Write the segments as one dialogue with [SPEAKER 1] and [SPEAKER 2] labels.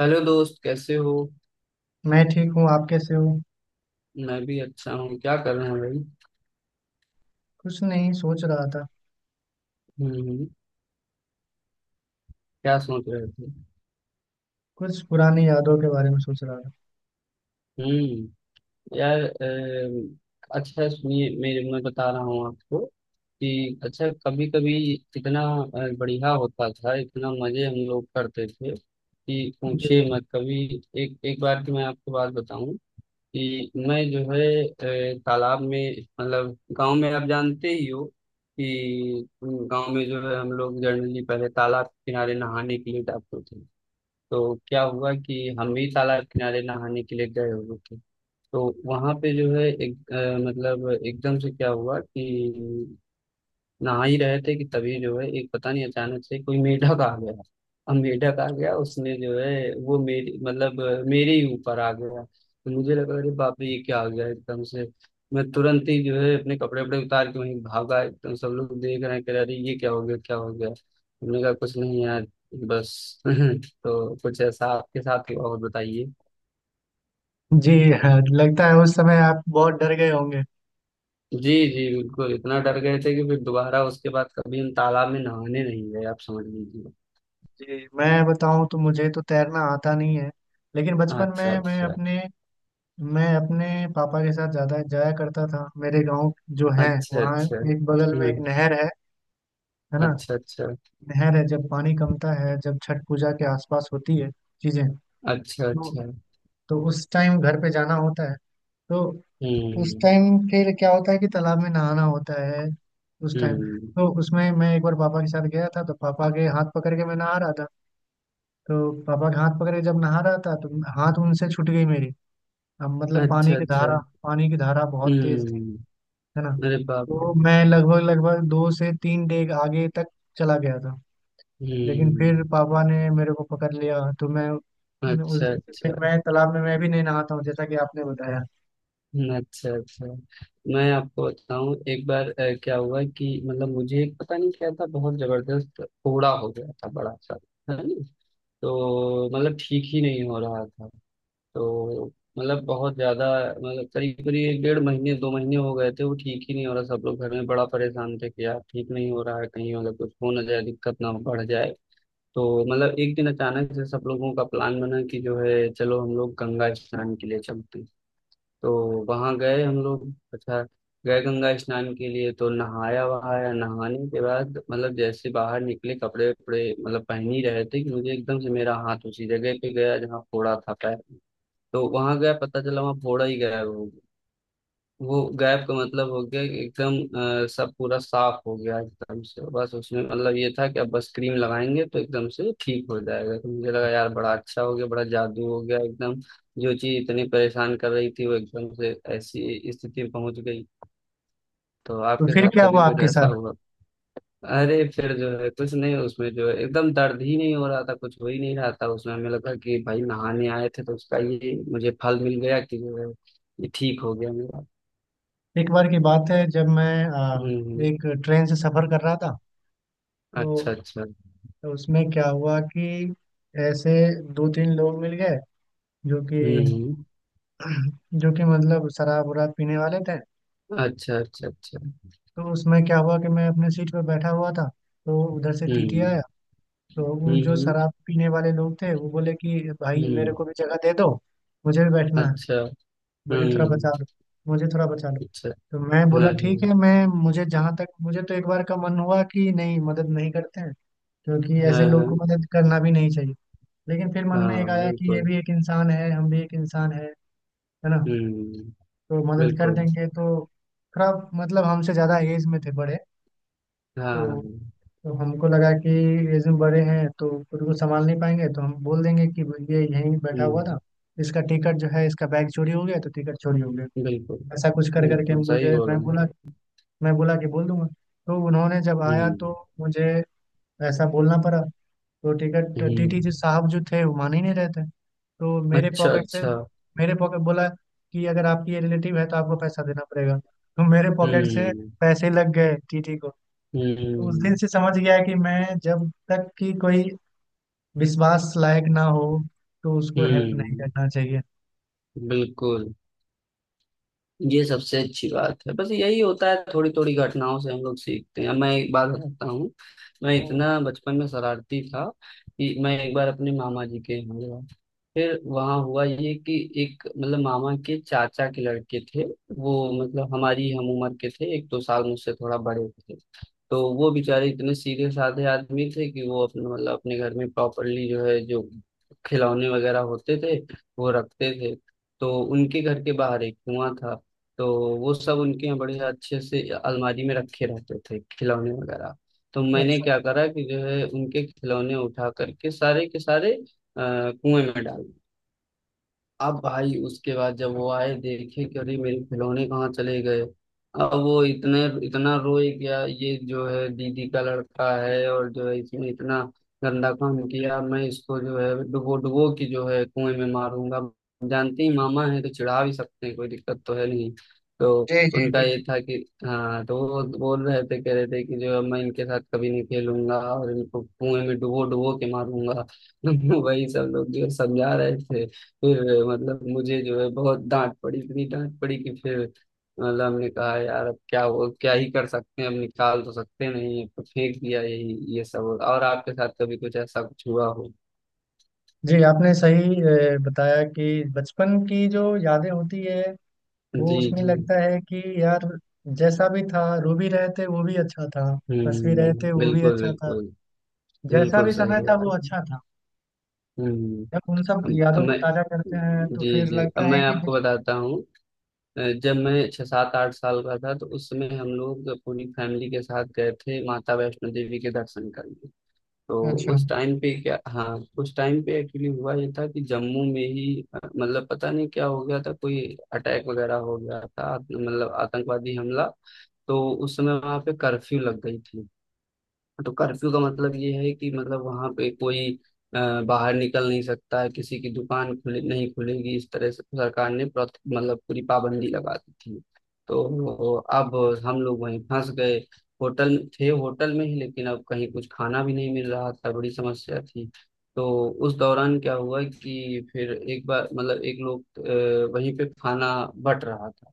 [SPEAKER 1] Hello दोस्त, कैसे हो?
[SPEAKER 2] मैं ठीक हूँ। आप कैसे हो?
[SPEAKER 1] मैं भी अच्छा हूँ। क्या कर रहे हैं भाई?
[SPEAKER 2] कुछ नहीं सोच रहा था।
[SPEAKER 1] हम्म। क्या सोच रहे थे?
[SPEAKER 2] कुछ पुरानी यादों के बारे में सोच रहा था।
[SPEAKER 1] हम्म। यार अच्छा सुनिए, मेरे मैं बता रहा हूँ आपको कि अच्छा, कभी कभी इतना बढ़िया होता था, इतना मजे हम लोग करते थे कि
[SPEAKER 2] जी।
[SPEAKER 1] पूछिए मत कभी। एक एक बार की मैं आपको बात बताऊं कि मैं जो है तालाब में, मतलब गांव में, आप जानते ही हो कि गांव में जो है हम लोग जनरली पहले तालाब के किनारे नहाने के लिए जाते थे। तो क्या हुआ कि हम भी तालाब किनारे नहाने के लिए गए हुए थे। तो वहां पे जो है एक मतलब एकदम से क्या हुआ कि नहा ही रहे थे कि तभी जो है, एक पता नहीं अचानक से कोई मेढक आ गया। अब मेढक आ गया, उसने जो है वो मेरी मतलब मेरे ही ऊपर आ गया, तो मुझे लगा अरे बाप रे, ये क्या आ गया एकदम से। मैं तुरंत ही जो है अपने कपड़े वपड़े उतार के वहीं भागा एकदम। सब लोग देख रहे हैं, कह रहे अरे ये क्या हो गया, क्या हो गया? हमने कहा कुछ नहीं यार, बस। तो कुछ ऐसा आपके साथ हुआ? और बताइए।
[SPEAKER 2] जी। हाँ, लगता है उस समय आप बहुत डर गए होंगे।
[SPEAKER 1] जी जी, बिल्कुल। इतना डर गए थे कि फिर दोबारा उसके बाद कभी हम तालाब में नहाने नहीं गए, आप समझ लीजिए।
[SPEAKER 2] जी, मैं बताऊं तो मुझे तो तैरना आता नहीं है। लेकिन बचपन
[SPEAKER 1] अच्छा
[SPEAKER 2] में मैं
[SPEAKER 1] अच्छा।
[SPEAKER 2] अपने मैं अपने पापा के साथ ज्यादा जाया करता था। मेरे गांव जो है
[SPEAKER 1] अच्छा
[SPEAKER 2] वहाँ,
[SPEAKER 1] अच्छा।
[SPEAKER 2] एक बगल में एक
[SPEAKER 1] हम्म।
[SPEAKER 2] नहर है। है ना।
[SPEAKER 1] अच्छा अच्छा।
[SPEAKER 2] नहर है, जब पानी कमता है, जब छठ पूजा के आसपास होती है चीजें।
[SPEAKER 1] अच्छा
[SPEAKER 2] तो,
[SPEAKER 1] अच्छा।
[SPEAKER 2] तो उस टाइम घर पे जाना होता है। तो उस
[SPEAKER 1] हम्म।
[SPEAKER 2] टाइम फिर क्या होता है कि तालाब में नहाना होता है उस टाइम।
[SPEAKER 1] हम्म।
[SPEAKER 2] तो उसमें मैं एक बार पापा के साथ गया था तो पापा के हाथ पकड़ के मैं नहा रहा था। तो पापा के हाथ पकड़ के जब नहा रहा था तो हाथ उनसे छूट गई मेरी। अब मतलब पानी
[SPEAKER 1] अच्छा
[SPEAKER 2] की
[SPEAKER 1] अच्छा।
[SPEAKER 2] धारा पानी की धारा बहुत तेज थी।
[SPEAKER 1] हम्म।
[SPEAKER 2] है ना।
[SPEAKER 1] अरे बाप रे!
[SPEAKER 2] तो मैं लगभग लगभग 2 से 3 डेग आगे तक चला गया था। लेकिन फिर
[SPEAKER 1] हम्म।
[SPEAKER 2] पापा ने मेरे को पकड़ लिया, तो मैं उस
[SPEAKER 1] अच्छा
[SPEAKER 2] दिन से
[SPEAKER 1] अच्छा।
[SPEAKER 2] फिर मैं तालाब में मैं भी नहीं नहाता हूँ, जैसा कि आपने बताया।
[SPEAKER 1] अच्छा अच्छा। मैं आपको बताऊं, एक बार क्या हुआ कि मतलब मुझे एक पता नहीं क्या था, बहुत जबरदस्त फोड़ा हो गया था बड़ा सा। है ना। तो मतलब ठीक ही नहीं हो रहा था। तो मतलब बहुत ज्यादा, मतलब करीब करीब एक 1.5 महीने, 2 महीने हो गए थे, वो ठीक ही नहीं हो रहा। सब लोग घर में बड़ा परेशान थे कि यार ठीक नहीं हो रहा है, कहीं मतलब कुछ हो ना जाए, दिक्कत ना बढ़ जाए। तो मतलब एक दिन अचानक से सब लोगों का प्लान बना कि जो है चलो हम लोग गंगा स्नान के लिए चलते हैं। तो वहां गए हम लोग। अच्छा, गए गंगा स्नान के लिए, तो नहाया वहाया। नहाने के बाद मतलब जैसे बाहर निकले, कपड़े वपड़े मतलब पहन ही रहे थे कि मुझे एकदम से मेरा हाथ उसी जगह पे गया जहाँ फोड़ा था, पैर। तो वहां गया पता चला वहां फोड़ा ही गायब हो गया। वो गायब का मतलब हो गया कि एकदम सब पूरा साफ हो गया एकदम से। बस उसमें मतलब ये था कि अब बस क्रीम लगाएंगे तो एकदम से ठीक हो जाएगा। तो मुझे लगा यार बड़ा अच्छा हो गया, बड़ा जादू हो गया एकदम। जो चीज इतनी परेशान कर रही थी वो एकदम से ऐसी स्थिति में पहुंच गई। तो
[SPEAKER 2] तो
[SPEAKER 1] आपके
[SPEAKER 2] फिर
[SPEAKER 1] साथ
[SPEAKER 2] क्या
[SPEAKER 1] कभी
[SPEAKER 2] हुआ
[SPEAKER 1] कुछ
[SPEAKER 2] आपके
[SPEAKER 1] ऐसा
[SPEAKER 2] साथ?
[SPEAKER 1] हुआ? अरे फिर जो है कुछ नहीं, उसमें जो है एकदम दर्द ही नहीं हो रहा था, कुछ हो ही नहीं रहा था। उसमें हमें लगा कि भाई नहाने आए थे तो उसका ये मुझे फल मिल गया कि जो है, ये ठीक हो गया मेरा।
[SPEAKER 2] एक बार की बात है जब मैं
[SPEAKER 1] हम्म हम्म,
[SPEAKER 2] एक ट्रेन से सफर कर रहा था।
[SPEAKER 1] अच्छा
[SPEAKER 2] तो,
[SPEAKER 1] अच्छा।
[SPEAKER 2] तो उसमें क्या हुआ कि ऐसे दो तीन लोग मिल गए जो कि
[SPEAKER 1] हम्म हम्म,
[SPEAKER 2] जो कि मतलब शराब वराब पीने वाले थे।
[SPEAKER 1] अच्छा अच्छा अच्छा।
[SPEAKER 2] तो उसमें क्या हुआ कि मैं अपने सीट पर बैठा हुआ था। तो उधर से टीटी
[SPEAKER 1] हम्म
[SPEAKER 2] आया। तो वो
[SPEAKER 1] हम्म।
[SPEAKER 2] जो शराब पीने वाले लोग थे वो बोले कि भाई मेरे
[SPEAKER 1] हम्म,
[SPEAKER 2] को भी जगह दे दो। मुझे भी बैठना है।
[SPEAKER 1] अच्छा।
[SPEAKER 2] मुझे थोड़ा
[SPEAKER 1] हम्म।
[SPEAKER 2] बचा लो। मुझे थोड़ा बचा लो।
[SPEAKER 1] अच्छा।
[SPEAKER 2] तो मैं बोला
[SPEAKER 1] हाँ
[SPEAKER 2] ठीक है, मैं मुझे जहाँ तक मुझे तो एक बार का मन हुआ कि नहीं मदद नहीं करते हैं। क्योंकि ऐसे
[SPEAKER 1] हाँ।
[SPEAKER 2] लोग को
[SPEAKER 1] हाँ।
[SPEAKER 2] मदद करना भी नहीं चाहिए। लेकिन फिर
[SPEAKER 1] हाँ
[SPEAKER 2] मन में एक
[SPEAKER 1] हाँ,
[SPEAKER 2] आया कि ये
[SPEAKER 1] बिल्कुल।
[SPEAKER 2] भी एक इंसान है हम भी एक इंसान है। है ना।
[SPEAKER 1] हम्म।
[SPEAKER 2] तो मदद कर
[SPEAKER 1] बिल्कुल।
[SPEAKER 2] देंगे तो थोड़ा मतलब हमसे ज़्यादा एज में थे बड़े। तो,
[SPEAKER 1] हाँ।
[SPEAKER 2] तो हमको लगा कि एज में बड़े हैं तो खुद को संभाल नहीं पाएंगे तो हम बोल देंगे कि ये यहीं बैठा हुआ
[SPEAKER 1] हम्म।
[SPEAKER 2] था। इसका टिकट जो है इसका बैग चोरी हो गया, तो टिकट चोरी हो गया।
[SPEAKER 1] बिल्कुल
[SPEAKER 2] ऐसा कुछ कर करके
[SPEAKER 1] बिल्कुल सही
[SPEAKER 2] मुझे
[SPEAKER 1] बोल
[SPEAKER 2] मैं
[SPEAKER 1] रहे
[SPEAKER 2] बोला,
[SPEAKER 1] हैं।
[SPEAKER 2] मैं बोला कि बोल दूंगा। तो उन्होंने जब आया तो
[SPEAKER 1] हम्म
[SPEAKER 2] मुझे ऐसा बोलना पड़ा। तो टिकट
[SPEAKER 1] हम्म।
[SPEAKER 2] टीटी जी साहब जो थे वो मान ही नहीं रहे थे। तो मेरे
[SPEAKER 1] अच्छा
[SPEAKER 2] पॉकेट से
[SPEAKER 1] अच्छा।
[SPEAKER 2] मेरे पॉकेट बोला कि अगर आपकी ये रिलेटिव है तो आपको पैसा देना पड़ेगा। तो मेरे पॉकेट से
[SPEAKER 1] हम्म
[SPEAKER 2] पैसे लग गए टीटी को। तो उस दिन
[SPEAKER 1] हम्म।
[SPEAKER 2] से समझ गया कि मैं जब तक कि कोई विश्वास लायक ना हो तो उसको हेल्प नहीं
[SPEAKER 1] हम्म।
[SPEAKER 2] करना चाहिए।
[SPEAKER 1] बिल्कुल। ये सबसे अच्छी बात है, बस यही होता है, थोड़ी थोड़ी घटनाओं से हम लोग सीखते हैं। मैं एक बात बताता हूँ। मैं
[SPEAKER 2] हम्म,
[SPEAKER 1] इतना बचपन में शरारती था कि मैं एक बार अपने मामा जी के यहाँ गया। फिर वहाँ हुआ ये कि एक, मतलब मामा के चाचा के लड़के थे। वो मतलब हमारी हम उम्र के थे, एक दो साल मुझसे थोड़ा बड़े थे। तो वो बेचारे इतने सीधे साधे आदमी थे कि वो अपने, मतलब अपने घर में प्रॉपरली जो है, जो खिलौने वगैरह होते थे वो रखते थे। तो उनके घर के बाहर एक कुआं था। तो वो सब उनके यहाँ बढ़िया अच्छे से अलमारी में रखे रहते थे, खिलौने वगैरह। तो मैंने
[SPEAKER 2] अच्छा।
[SPEAKER 1] क्या करा कि जो है उनके खिलौने उठा करके सारे के सारे कुएं में डाल। अब भाई उसके बाद जब वो आए देखे कि अरे, मेरे खिलौने कहाँ चले गए? अब वो इतने इतना रोए। क्या ये जो है दीदी का लड़का है, और जो है इसने इतना गंदा काम किया, मैं इसको जो है डुबो डुबो के जो है कुएं में मारूंगा। जानते ही मामा है तो चिढ़ा भी सकते हैं, कोई दिक्कत तो है नहीं। तो
[SPEAKER 2] जी जी
[SPEAKER 1] उनका
[SPEAKER 2] बिल्कुल।
[SPEAKER 1] ये था कि हाँ, तो वो बोल रहे थे, कह रहे थे कि जो है मैं इनके साथ कभी नहीं खेलूंगा और इनको कुएं में डुबो डुबो के मारूंगा। वही सब लोग जो है समझा रहे थे। फिर मतलब मुझे जो है बहुत डांट पड़ी, इतनी डांट पड़ी कि फिर मतलब हमने कहा यार अब क्या हो, क्या ही कर सकते हैं, अब निकाल तो सकते नहीं, तो फेंक दिया यही ये सब। और आपके साथ कभी कुछ ऐसा कुछ हुआ हो?
[SPEAKER 2] जी, आपने सही बताया कि बचपन की जो यादें होती है वो
[SPEAKER 1] जी
[SPEAKER 2] उसमें
[SPEAKER 1] जी।
[SPEAKER 2] लगता है कि यार, जैसा भी था रूबी रहते वो भी अच्छा था। बसवी
[SPEAKER 1] हम्म।
[SPEAKER 2] रहते वो भी
[SPEAKER 1] बिल्कुल
[SPEAKER 2] अच्छा था।
[SPEAKER 1] बिल्कुल।
[SPEAKER 2] जैसा
[SPEAKER 1] बिल्कुल
[SPEAKER 2] भी समय
[SPEAKER 1] सही
[SPEAKER 2] था वो
[SPEAKER 1] बात है।
[SPEAKER 2] अच्छा था।
[SPEAKER 1] हम्म।
[SPEAKER 2] जब उन सब
[SPEAKER 1] अब
[SPEAKER 2] यादों को
[SPEAKER 1] मैं
[SPEAKER 2] ताजा करते हैं तो
[SPEAKER 1] जी
[SPEAKER 2] फिर
[SPEAKER 1] जी, अब
[SPEAKER 2] लगता है
[SPEAKER 1] मैं
[SPEAKER 2] कि
[SPEAKER 1] आपको बताता हूँ। जब मैं छह सात आठ साल का था, तो उस समय हम लोग पूरी फैमिली के साथ गए थे माता वैष्णो देवी के दर्शन करने। तो
[SPEAKER 2] अच्छा।
[SPEAKER 1] उस टाइम पे क्या, हाँ, उस टाइम पे एक्चुअली हुआ ये था कि जम्मू में ही मतलब पता नहीं क्या हो गया था, कोई अटैक वगैरह हो गया था। मतलब आतंकवादी हमला। तो उस समय वहां पे कर्फ्यू लग गई थी। तो कर्फ्यू का मतलब ये है कि मतलब वहां पे कोई बाहर निकल नहीं सकता है, किसी की दुकान खुले नहीं खुलेगी, इस तरह से सरकार ने मतलब पूरी पाबंदी लगा दी थी। तो अब हम लोग वहीं फंस गए। होटल थे होटल में ही, लेकिन अब कहीं कुछ खाना भी नहीं मिल रहा था, बड़ी समस्या थी। तो उस दौरान क्या हुआ कि फिर एक बार मतलब एक लोग वहीं पे खाना बट रहा था।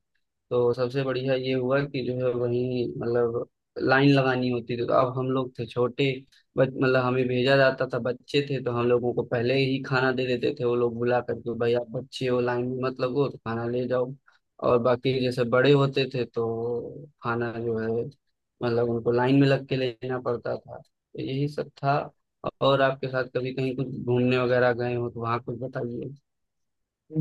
[SPEAKER 1] तो सबसे बढ़िया ये हुआ कि जो है वही, मतलब लाइन लगानी होती थी। तो अब हम लोग थे छोटे, बच मतलब हमें भेजा जाता था, बच्चे थे, तो हम लोगों को पहले ही खाना दे देते थे। वो लोग बुला करके भाई आप बच्चे हो, लाइन में मत लगो, तो खाना ले जाओ। और बाकी जैसे बड़े होते थे तो खाना जो है मतलब उनको लाइन में लग के लेना पड़ता था। तो यही सब था। और आपके साथ कभी कहीं कुछ घूमने वगैरह गए हो तो वहाँ कुछ बताइए।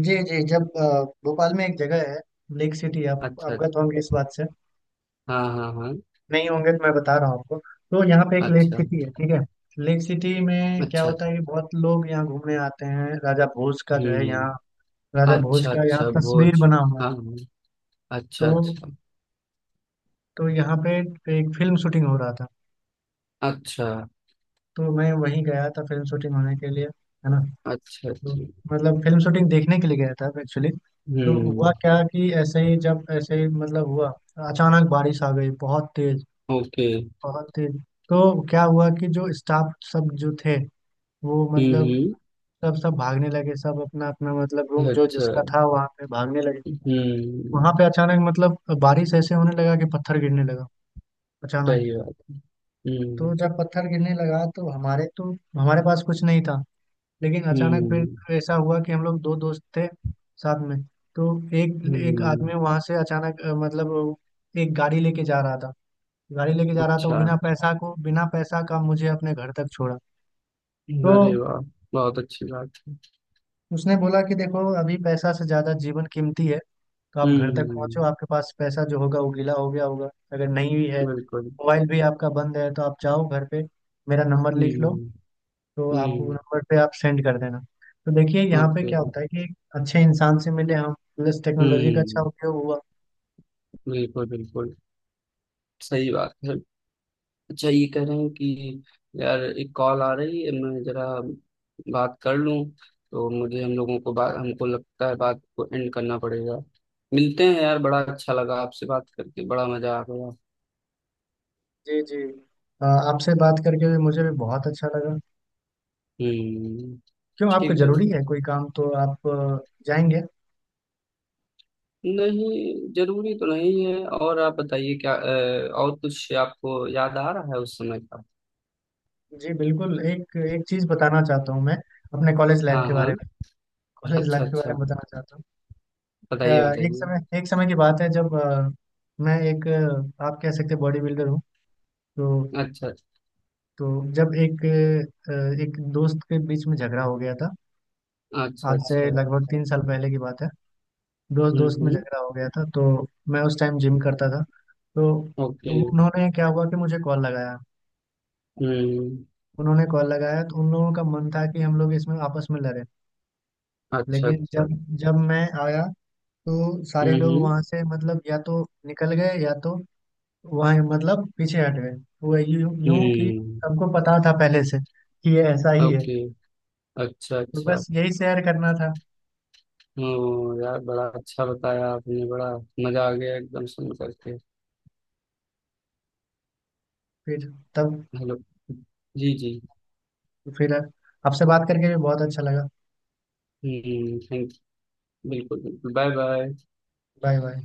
[SPEAKER 2] जी जी, जब भोपाल में एक जगह है। लेक सिटी, आप
[SPEAKER 1] अच्छा अच्छा।
[SPEAKER 2] अवगत होंगे इस बात से?
[SPEAKER 1] हाँ हाँ हाँ।
[SPEAKER 2] नहीं होंगे तो मैं बता रहा हूँ आपको। तो यहाँ पे एक लेक
[SPEAKER 1] अच्छा
[SPEAKER 2] सिटी है, ठीक है। लेक सिटी में क्या
[SPEAKER 1] अच्छा।
[SPEAKER 2] होता है कि बहुत लोग यहाँ घूमने आते हैं। राजा भोज का जो है
[SPEAKER 1] हम्म।
[SPEAKER 2] यहाँ राजा भोज
[SPEAKER 1] अच्छा
[SPEAKER 2] का यहाँ
[SPEAKER 1] अच्छा
[SPEAKER 2] तस्वीर
[SPEAKER 1] भोज।
[SPEAKER 2] बना हुआ है।
[SPEAKER 1] हाँ हाँ,
[SPEAKER 2] तो
[SPEAKER 1] अच्छा अच्छा।
[SPEAKER 2] तो यहाँ पे एक फिल्म शूटिंग हो रहा था।
[SPEAKER 1] अच्छा
[SPEAKER 2] तो मैं वहीं गया था फिल्म शूटिंग होने के लिए। है ना।
[SPEAKER 1] अच्छा
[SPEAKER 2] तो
[SPEAKER 1] अच्छा।
[SPEAKER 2] मतलब फिल्म शूटिंग देखने के लिए गया था एक्चुअली। तो हुआ
[SPEAKER 1] हम्म।
[SPEAKER 2] क्या कि ऐसे ही जब ऐसे ही मतलब हुआ अचानक बारिश आ गई बहुत तेज।
[SPEAKER 1] ओके।
[SPEAKER 2] बहुत तेज। तो क्या हुआ कि जो स्टाफ सब जो थे वो मतलब
[SPEAKER 1] हम्म।
[SPEAKER 2] सब सब भागने लगे। सब अपना अपना मतलब रूम जो
[SPEAKER 1] अच्छा।
[SPEAKER 2] जिसका था वहां पे भागने लगे। वहां पे
[SPEAKER 1] हम्म।
[SPEAKER 2] अचानक मतलब बारिश ऐसे होने लगा कि पत्थर गिरने लगा
[SPEAKER 1] सही
[SPEAKER 2] अचानक।
[SPEAKER 1] बात। हम्म
[SPEAKER 2] तो जब पत्थर गिरने लगा तो हमारे पास कुछ नहीं था। लेकिन अचानक
[SPEAKER 1] हम्म।
[SPEAKER 2] फिर ऐसा हुआ कि हम लोग दो दोस्त थे साथ में। तो एक एक
[SPEAKER 1] हम्म।
[SPEAKER 2] आदमी वहां से अचानक मतलब वो एक गाड़ी लेके जा रहा था। गाड़ी लेके जा रहा था वो
[SPEAKER 1] अच्छा।
[SPEAKER 2] बिना पैसा का मुझे अपने घर तक छोड़ा।
[SPEAKER 1] अरे
[SPEAKER 2] तो
[SPEAKER 1] वाह, बहुत अच्छी बात है।
[SPEAKER 2] उसने बोला कि देखो अभी पैसा से ज्यादा जीवन कीमती है। तो आप घर तक पहुंचो।
[SPEAKER 1] हम्म।
[SPEAKER 2] आपके पास पैसा जो होगा वो गीला हो गया होगा, अगर नहीं भी है
[SPEAKER 1] बिल्कुल।
[SPEAKER 2] मोबाइल भी आपका बंद है तो आप जाओ घर पे। मेरा नंबर लिख लो
[SPEAKER 1] हम्म
[SPEAKER 2] तो आप वो
[SPEAKER 1] हम्म।
[SPEAKER 2] नंबर पे आप सेंड कर देना। तो देखिए यहाँ पे
[SPEAKER 1] ओके।
[SPEAKER 2] क्या होता है कि एक अच्छे इंसान से मिले हम, प्लस टेक्नोलॉजी का अच्छा
[SPEAKER 1] हम्म।
[SPEAKER 2] उपयोग हुआ।
[SPEAKER 1] बिल्कुल बिल्कुल सही बात है। अच्छा, ये कह रहे हैं कि यार एक कॉल आ रही है, मैं जरा बात कर लूं। तो मुझे हम लोगों को बात हमको लगता है बात को एंड करना पड़ेगा। मिलते हैं यार, बड़ा अच्छा लगा आपसे बात करके, बड़ा मजा आ गया।
[SPEAKER 2] जी जी, आपसे बात करके भी मुझे भी बहुत अच्छा लगा।
[SPEAKER 1] हम्म,
[SPEAKER 2] क्यों, आपको
[SPEAKER 1] ठीक भाई।
[SPEAKER 2] जरूरी है कोई काम तो आप जाएंगे?
[SPEAKER 1] नहीं जरूरी तो नहीं है, और आप बताइए क्या और कुछ आपको याद आ रहा है उस समय का?
[SPEAKER 2] जी बिल्कुल, एक एक चीज बताना चाहता हूँ मैं अपने कॉलेज लाइफ
[SPEAKER 1] हाँ
[SPEAKER 2] के बारे
[SPEAKER 1] हाँ।
[SPEAKER 2] में। कॉलेज लाइफ
[SPEAKER 1] अच्छा
[SPEAKER 2] के बारे
[SPEAKER 1] अच्छा,
[SPEAKER 2] में बताना चाहता हूँ। अ,
[SPEAKER 1] बताइए
[SPEAKER 2] एक
[SPEAKER 1] बताइए।
[SPEAKER 2] समय एक समय की बात है जब मैं एक आप कह सकते बॉडी बिल्डर हूँ। तो
[SPEAKER 1] अच्छा
[SPEAKER 2] तो जब अ, एक दोस्त के बीच में झगड़ा हो गया था।
[SPEAKER 1] अच्छा
[SPEAKER 2] आज से
[SPEAKER 1] अच्छा।
[SPEAKER 2] लगभग 3 साल पहले की बात है। दोस्त दोस्त में
[SPEAKER 1] हम्म।
[SPEAKER 2] झगड़ा हो गया था। तो मैं उस टाइम जिम करता था। तो
[SPEAKER 1] ओके।
[SPEAKER 2] उन्होंने क्या हुआ कि मुझे कॉल लगाया।
[SPEAKER 1] हम्म।
[SPEAKER 2] उन्होंने कॉल लगाया तो उन लोगों का मन था कि हम लोग इसमें आपस में लड़े।
[SPEAKER 1] अच्छा
[SPEAKER 2] लेकिन
[SPEAKER 1] अच्छा।
[SPEAKER 2] जब जब मैं आया तो
[SPEAKER 1] हम्म
[SPEAKER 2] सारे लोग
[SPEAKER 1] हम्म।
[SPEAKER 2] वहां से मतलब या तो निकल गए या तो वहां मतलब पीछे हट गए। वो यूं यूं कि
[SPEAKER 1] हम्म।
[SPEAKER 2] सबको पता था पहले से कि ये ऐसा ही है।
[SPEAKER 1] ओके। अच्छा
[SPEAKER 2] तो
[SPEAKER 1] अच्छा।
[SPEAKER 2] बस यही शेयर करना था।
[SPEAKER 1] हम्म, यार बड़ा अच्छा बताया आपने, बड़ा मजा आ गया एकदम सुन करके।
[SPEAKER 2] फिर तब
[SPEAKER 1] हेलो। जी जी।
[SPEAKER 2] फिर आपसे बात करके भी बहुत अच्छा लगा।
[SPEAKER 1] हम्म, थैंक यू। बिल्कुल बिल्कुल। Bye bye.
[SPEAKER 2] Bye bye.